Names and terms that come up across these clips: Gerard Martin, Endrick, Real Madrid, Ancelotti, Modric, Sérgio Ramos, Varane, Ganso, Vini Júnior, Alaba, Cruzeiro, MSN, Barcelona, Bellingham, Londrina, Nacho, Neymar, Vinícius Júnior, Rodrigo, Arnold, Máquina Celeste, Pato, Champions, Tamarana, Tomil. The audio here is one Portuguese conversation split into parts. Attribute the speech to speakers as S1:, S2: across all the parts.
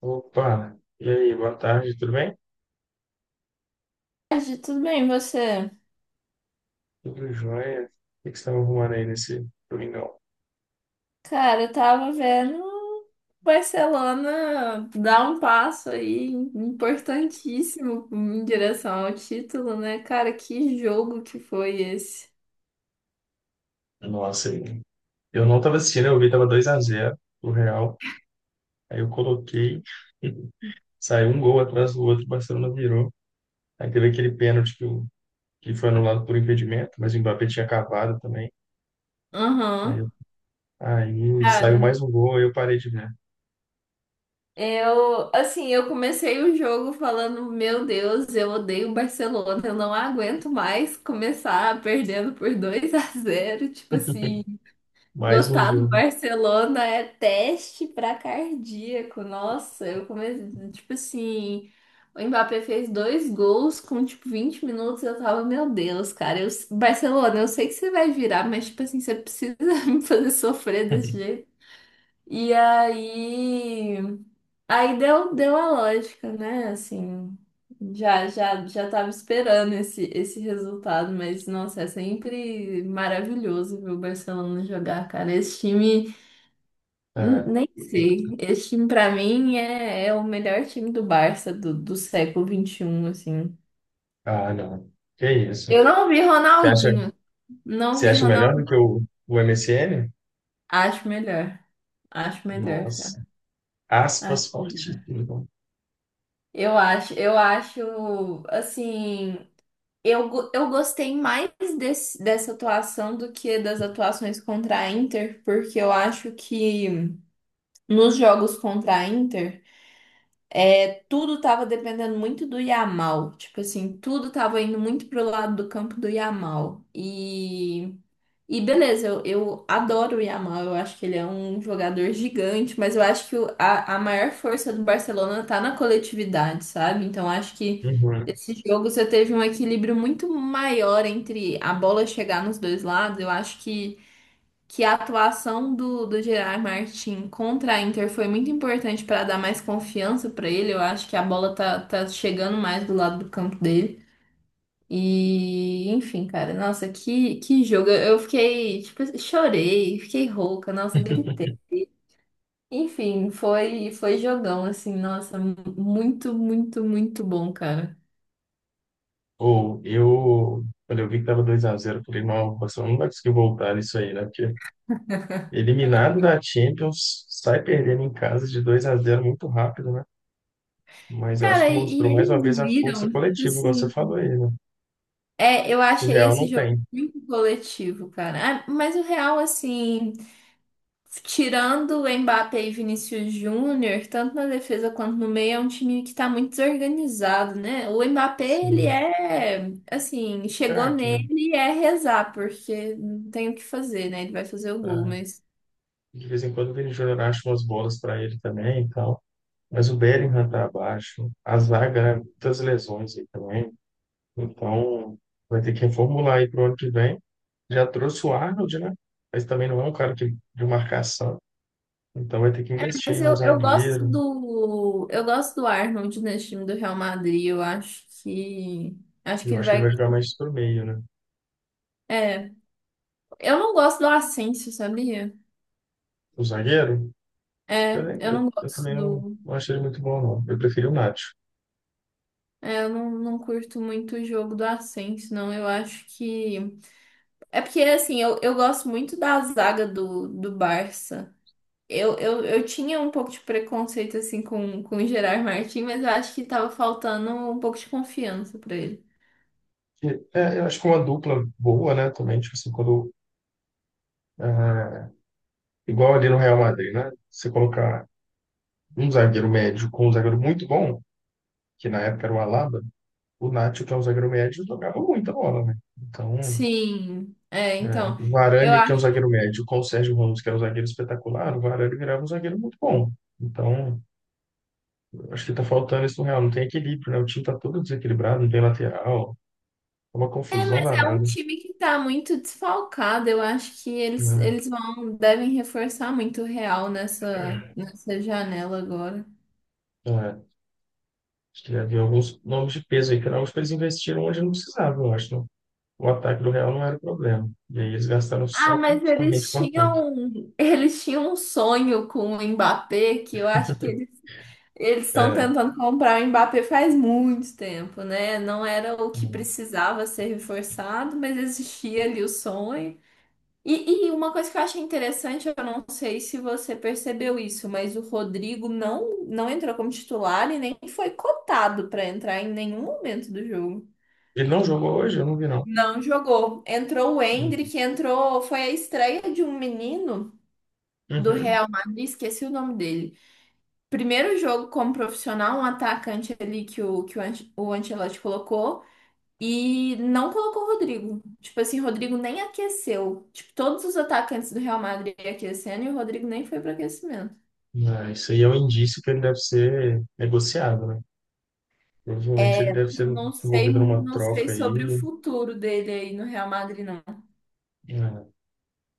S1: Opa, e aí, boa tarde, tudo bem?
S2: Tarde, tudo bem, você?
S1: Tudo jóia? O que que você estava arrumando aí nesse domingão?
S2: Cara, eu tava vendo o Barcelona dar um passo aí importantíssimo em direção ao título, né? Cara, que jogo que foi esse?
S1: Nossa, aí. Eu não estava assistindo, eu vi, tava 2-0 o Real. Aí eu coloquei, saiu um gol atrás do outro, o Barcelona virou. Aí teve aquele pênalti que foi anulado por impedimento, mas o Mbappé tinha cavado também. Aí, eu-
S2: Aham.
S1: Aí saiu
S2: Cara,
S1: mais um gol, aí eu parei de ver.
S2: eu, assim, eu comecei o jogo falando, meu Deus, eu odeio o Barcelona, eu não aguento mais começar perdendo por 2 a zero, tipo assim.
S1: Mais um
S2: Gostar do
S1: jogo.
S2: Barcelona é teste pra cardíaco. Nossa, eu comecei, tipo assim, o Mbappé fez dois gols com tipo 20 minutos, eu tava, meu Deus, cara, eu, Barcelona, eu sei que você vai virar, mas tipo assim, você precisa me fazer sofrer desse jeito. E aí deu a lógica, né? Assim, já tava esperando esse resultado, mas nossa, é sempre maravilhoso ver o Barcelona jogar, cara. Esse time,
S1: É.
S2: nem sei. Esse time pra mim é o melhor time do Barça do século XXI, assim.
S1: Ah, não. Que isso?
S2: Eu não vi
S1: Você acha,
S2: Ronaldinho, não
S1: você
S2: vi
S1: acha melhor do que
S2: Ronaldinho.
S1: o MSN.
S2: Acho melhor. Acho melhor, cara.
S1: Nossa, aspas fortíssimas, né?
S2: Eu acho assim. Eu gostei mais dessa atuação do que das atuações contra a Inter, porque eu acho que nos jogos contra a Inter, tudo tava dependendo muito do Yamal. Tipo assim, tudo tava indo muito pro lado do campo do Yamal. E beleza, eu adoro o Yamal, eu acho que ele é um jogador gigante, mas eu acho que a maior força do Barcelona tá na coletividade, sabe? Então acho que
S1: Uhum.
S2: esse jogo você teve um equilíbrio muito maior entre a bola chegar nos dois lados. Eu acho que a atuação do Gerard Martin contra a Inter foi muito importante para dar mais confiança para ele. Eu acho que a bola tá chegando mais do lado do campo dele. E, enfim, cara, nossa, que jogo. Eu fiquei, tipo, assim, chorei, fiquei rouca, nossa, gritei. Enfim, foi jogão, assim, nossa, muito, muito, muito bom, cara.
S1: Ou eu, quando eu vi que tava 2-0 eu falei, não, o Barcelona não vai conseguir voltar nisso aí, né? Porque eliminado da Champions, sai perdendo em casa de 2-0 muito rápido, né? Mas eu acho que
S2: Cara, e
S1: mostrou mais uma
S2: eles
S1: vez a força
S2: viram, tipo
S1: coletiva, igual você
S2: assim.
S1: falou aí, né?
S2: É, eu
S1: Que o
S2: achei
S1: Real
S2: esse
S1: não
S2: jogo
S1: tem.
S2: muito coletivo, cara. Ah, mas o Real, assim. Tirando o Mbappé e Vinícius Júnior, tanto na defesa quanto no meio, é um time que tá muito desorganizado, né? O Mbappé, ele
S1: Sim,
S2: é, assim, chegou
S1: craque, né?
S2: nele e é rezar, porque não tem o que fazer, né? Ele vai fazer o gol,
S1: Tá.
S2: mas...
S1: De vez em quando o Vini Júnior acha umas bolas para ele também e tal. Mas o Bellingham tá abaixo, a zaga, né? Muitas lesões aí também. Então, vai ter que reformular aí para o ano que vem. Já trouxe o Arnold, né? Mas também não é um cara que, de marcação. Então, vai ter que investir
S2: Mas
S1: aí num
S2: eu gosto
S1: zagueiro.
S2: do... Eu gosto do Arnold nesse time do Real Madrid, eu acho que... Acho
S1: E
S2: que
S1: eu
S2: ele
S1: acho que ele vai
S2: vai...
S1: jogar mais pro meio, né?
S2: É, eu não gosto do Asensio, sabia?
S1: O zagueiro,
S2: É,
S1: eu, nem-
S2: eu não
S1: eu
S2: gosto
S1: também
S2: do...
S1: não achei ele muito bom, não. Eu prefiro o Nacho.
S2: É, eu não curto muito o jogo do Ascenso, não. Eu acho que. É porque, assim, eu gosto muito da zaga do Barça. Eu tinha um pouco de preconceito, assim, com o Gerard Martin, mas eu acho que tava faltando um pouco de confiança pra ele.
S1: E, eu acho que uma dupla boa, né? Também, tipo assim, quando. É, igual ali no Real Madrid, né? Você colocar um zagueiro médio com um zagueiro muito bom, que na época era o Alaba, o Nacho, que é um zagueiro médio, jogava muita bola, né? Então.
S2: Sim, é,
S1: É,
S2: então.
S1: o
S2: Eu
S1: Varane, que é um
S2: acho.
S1: zagueiro médio, com o Sérgio Ramos, que é um zagueiro espetacular, o Varane virava um zagueiro muito bom. Então, eu acho que tá faltando isso no Real. Não tem equilíbrio, né? O time tá todo desequilibrado, não tem lateral. É uma
S2: É,
S1: confusão
S2: mas é um
S1: danada,
S2: time que tá muito desfalcado. Eu acho que eles,
S1: né?
S2: eles vão, devem reforçar muito o Real nessa janela agora.
S1: É, acho que havia alguns nomes de peso aí, que eu acho que eles investiram onde não precisavam, eu acho, né? O ataque do Real não era o problema. E aí eles gastaram
S2: Ah, mas
S1: somente
S2: eles
S1: com o ataque.
S2: tinham, eles tinham um sonho com o Mbappé que eu acho que eles estão
S1: É,
S2: tentando comprar o Mbappé faz muito tempo, né? Não era o que
S1: hum.
S2: precisava ser reforçado, mas existia ali o sonho. E uma coisa que eu achei interessante, eu não sei se você percebeu isso, mas o Rodrigo não entrou como titular e nem foi cotado para entrar em nenhum momento do jogo.
S1: Ele não jogou hoje? Eu não vi, não.
S2: Não jogou. Entrou o
S1: Hum.
S2: Endrick, entrou, foi a estreia de um menino. Do
S1: Uhum.
S2: Real Madrid, esqueci o nome dele. Primeiro jogo como profissional, um atacante ali que o Ancelotti colocou e não colocou o Rodrigo. Tipo assim, o Rodrigo nem aqueceu. Tipo, todos os atacantes do Real Madrid aquecendo e o Rodrigo nem foi para aquecimento.
S1: É, isso aí é um indício que ele deve ser negociado, né? Provavelmente ele
S2: É,
S1: deve
S2: não
S1: ser
S2: não sei,
S1: envolvido numa
S2: não sei
S1: troca
S2: sobre o
S1: aí,
S2: futuro dele aí no Real Madrid, não.
S1: né?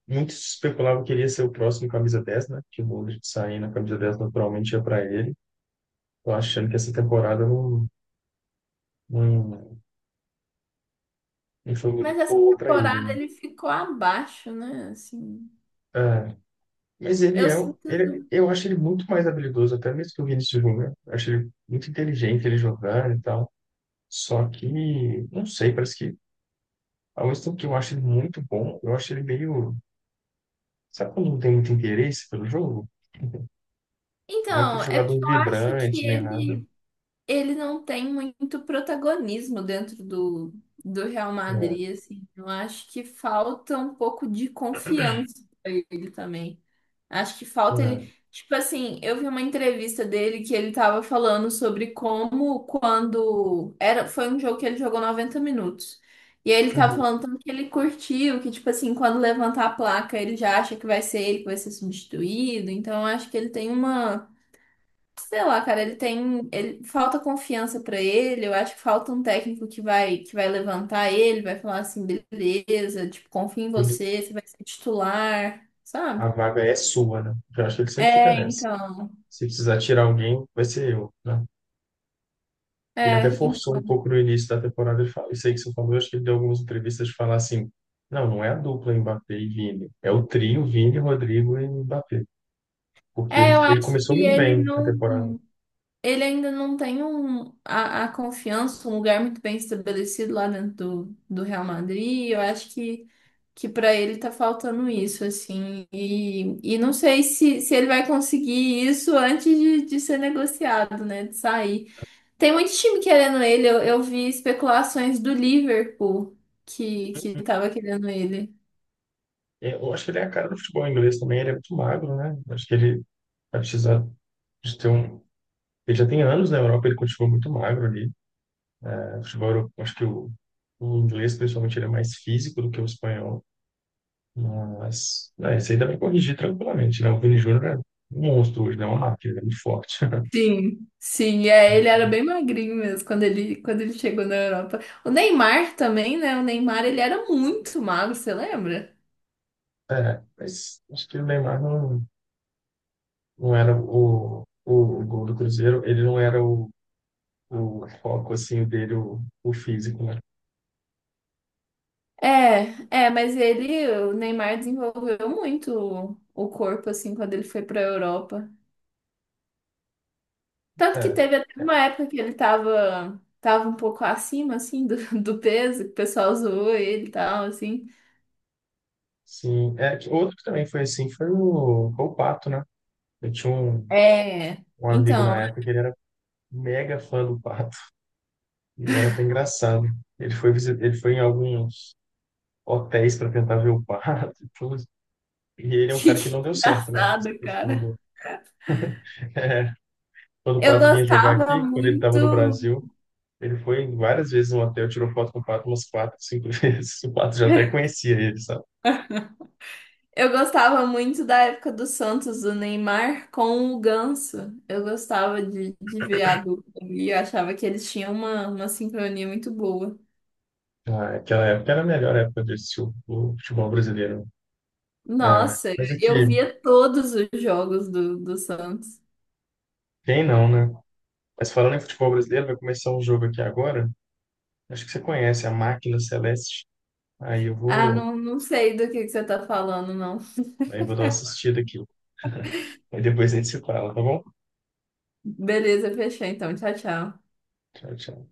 S1: Muito se especulava que ele ia ser o próximo camisa 10, né? Que o Modric sair na camisa 10 naturalmente ia para ele. Tô achando que essa temporada não, não foi
S2: Mas
S1: muito
S2: essa
S1: boa para ele,
S2: temporada
S1: né?
S2: ele ficou abaixo, né? Assim,
S1: É, mas ele
S2: eu
S1: é, um, ele,
S2: sinto.
S1: eu acho ele muito mais habilidoso, até mesmo que o Vinícius Júnior. Eu acho ele muito inteligente ele jogar e tal. Só que, não sei, parece que ao mesmo tempo que eu acho ele muito bom, eu acho ele meio. Sabe quando não tem muito interesse pelo jogo? Não é aquele
S2: Então, é porque
S1: jogador
S2: eu acho
S1: vibrante,
S2: que
S1: nem nada.
S2: ele não tem muito protagonismo dentro do Real
S1: Não,
S2: Madrid, assim. Eu acho que falta um pouco de confiança pra ele também. Acho que falta
S1: não.
S2: ele. Tipo assim, eu vi uma entrevista dele que ele tava falando sobre como quando era, foi um jogo que ele jogou 90 minutos. E aí ele tava
S1: Uhum.
S2: falando tanto que ele curtiu, que tipo assim, quando levantar a placa, ele já acha que vai ser ele que vai ser substituído. Então eu acho que ele tem uma. Sei lá, cara, ele tem, ele falta confiança pra ele, eu acho que falta um técnico que vai levantar ele, vai falar assim, beleza, tipo, confio em
S1: Ele-
S2: você, você vai ser titular, sabe?
S1: a vaga é sua, né? Eu acho que ele sempre fica
S2: É,
S1: nessa.
S2: então.
S1: Se precisar tirar alguém, vai ser eu, né? Ele até
S2: É,
S1: forçou um
S2: então.
S1: pouco no início da temporada. Ele fala, isso aí que você falou, eu acho que ele deu algumas entrevistas de falar assim, não, não é a dupla Mbappé e Vini. É o trio Vini, Rodrigo e Mbappé.
S2: É, eu
S1: Ele
S2: acho
S1: começou
S2: que
S1: muito
S2: ele
S1: bem a
S2: não,
S1: temporada.
S2: ele ainda não tem a confiança, um lugar muito bem estabelecido lá dentro do Real Madrid. Eu acho que para ele tá faltando isso, assim, e não sei se ele vai conseguir isso antes de ser negociado, né, de sair. Tem muito time querendo ele, eu vi especulações do Liverpool que tava querendo ele.
S1: É, eu acho que ele é a cara do futebol inglês também. Ele é muito magro, né? Acho que ele vai precisar de ter um... Ele já tem anos na Europa, ele continua muito magro ali. O futebol, eu acho que o inglês, principalmente, ele é mais físico do que o espanhol. Mas, é, isso aí dá para corrigir tranquilamente, né? O Vini Júnior é um monstro hoje, né? É uma máquina, ele é muito forte.
S2: Sim, sim, é, ele era bem magrinho mesmo quando ele chegou na Europa. O Neymar também, né, o Neymar ele era muito magro, você lembra?
S1: É, mas acho que o Neymar não, não era o gol do Cruzeiro, ele não era o foco, assim, dele, o físico, né?
S2: É, é, mas ele, o Neymar desenvolveu muito o corpo assim quando ele foi para a Europa. Tanto que
S1: É,
S2: teve até uma época que ele tava um pouco acima assim do, do peso, que o pessoal zoou ele e tal assim.
S1: sim. É, que outro que também foi assim foi foi o Pato, né? Eu tinha um,
S2: É,
S1: um amigo na
S2: então,
S1: época que ele era mega fã do Pato. E era até engraçado. Ele foi em alguns hotéis para tentar ver o Pato e tudo. E ele é um
S2: que
S1: cara que não deu certo, né? Essa
S2: engraçado,
S1: questão
S2: cara.
S1: do. É, quando o
S2: Eu
S1: Pato vinha jogar
S2: gostava
S1: aqui, quando ele estava no
S2: muito.
S1: Brasil, ele foi várias vezes no hotel, tirou foto com o Pato umas quatro, cinco vezes. O Pato já até conhecia ele, sabe?
S2: Eu gostava muito da época do Santos, do Neymar com o Ganso. Eu gostava de ver a dupla ali, eu achava que eles tinham uma sincronia muito boa.
S1: Ah, aquela época era a melhor época de assistir o futebol brasileiro. É,
S2: Nossa, eu
S1: mas
S2: eu
S1: aqui,
S2: via todos os jogos do Santos.
S1: quem não, né? Mas falando em futebol brasileiro, vai começar um jogo aqui agora. Acho que você conhece a Máquina Celeste. Aí eu
S2: Ah,
S1: vou.
S2: não, não sei do que você tá falando, não.
S1: Aí vou dar uma assistida aqui. Aí depois a gente se fala, tá bom?
S2: Beleza, fechou então. Tchau, tchau.
S1: Tchau, tchau.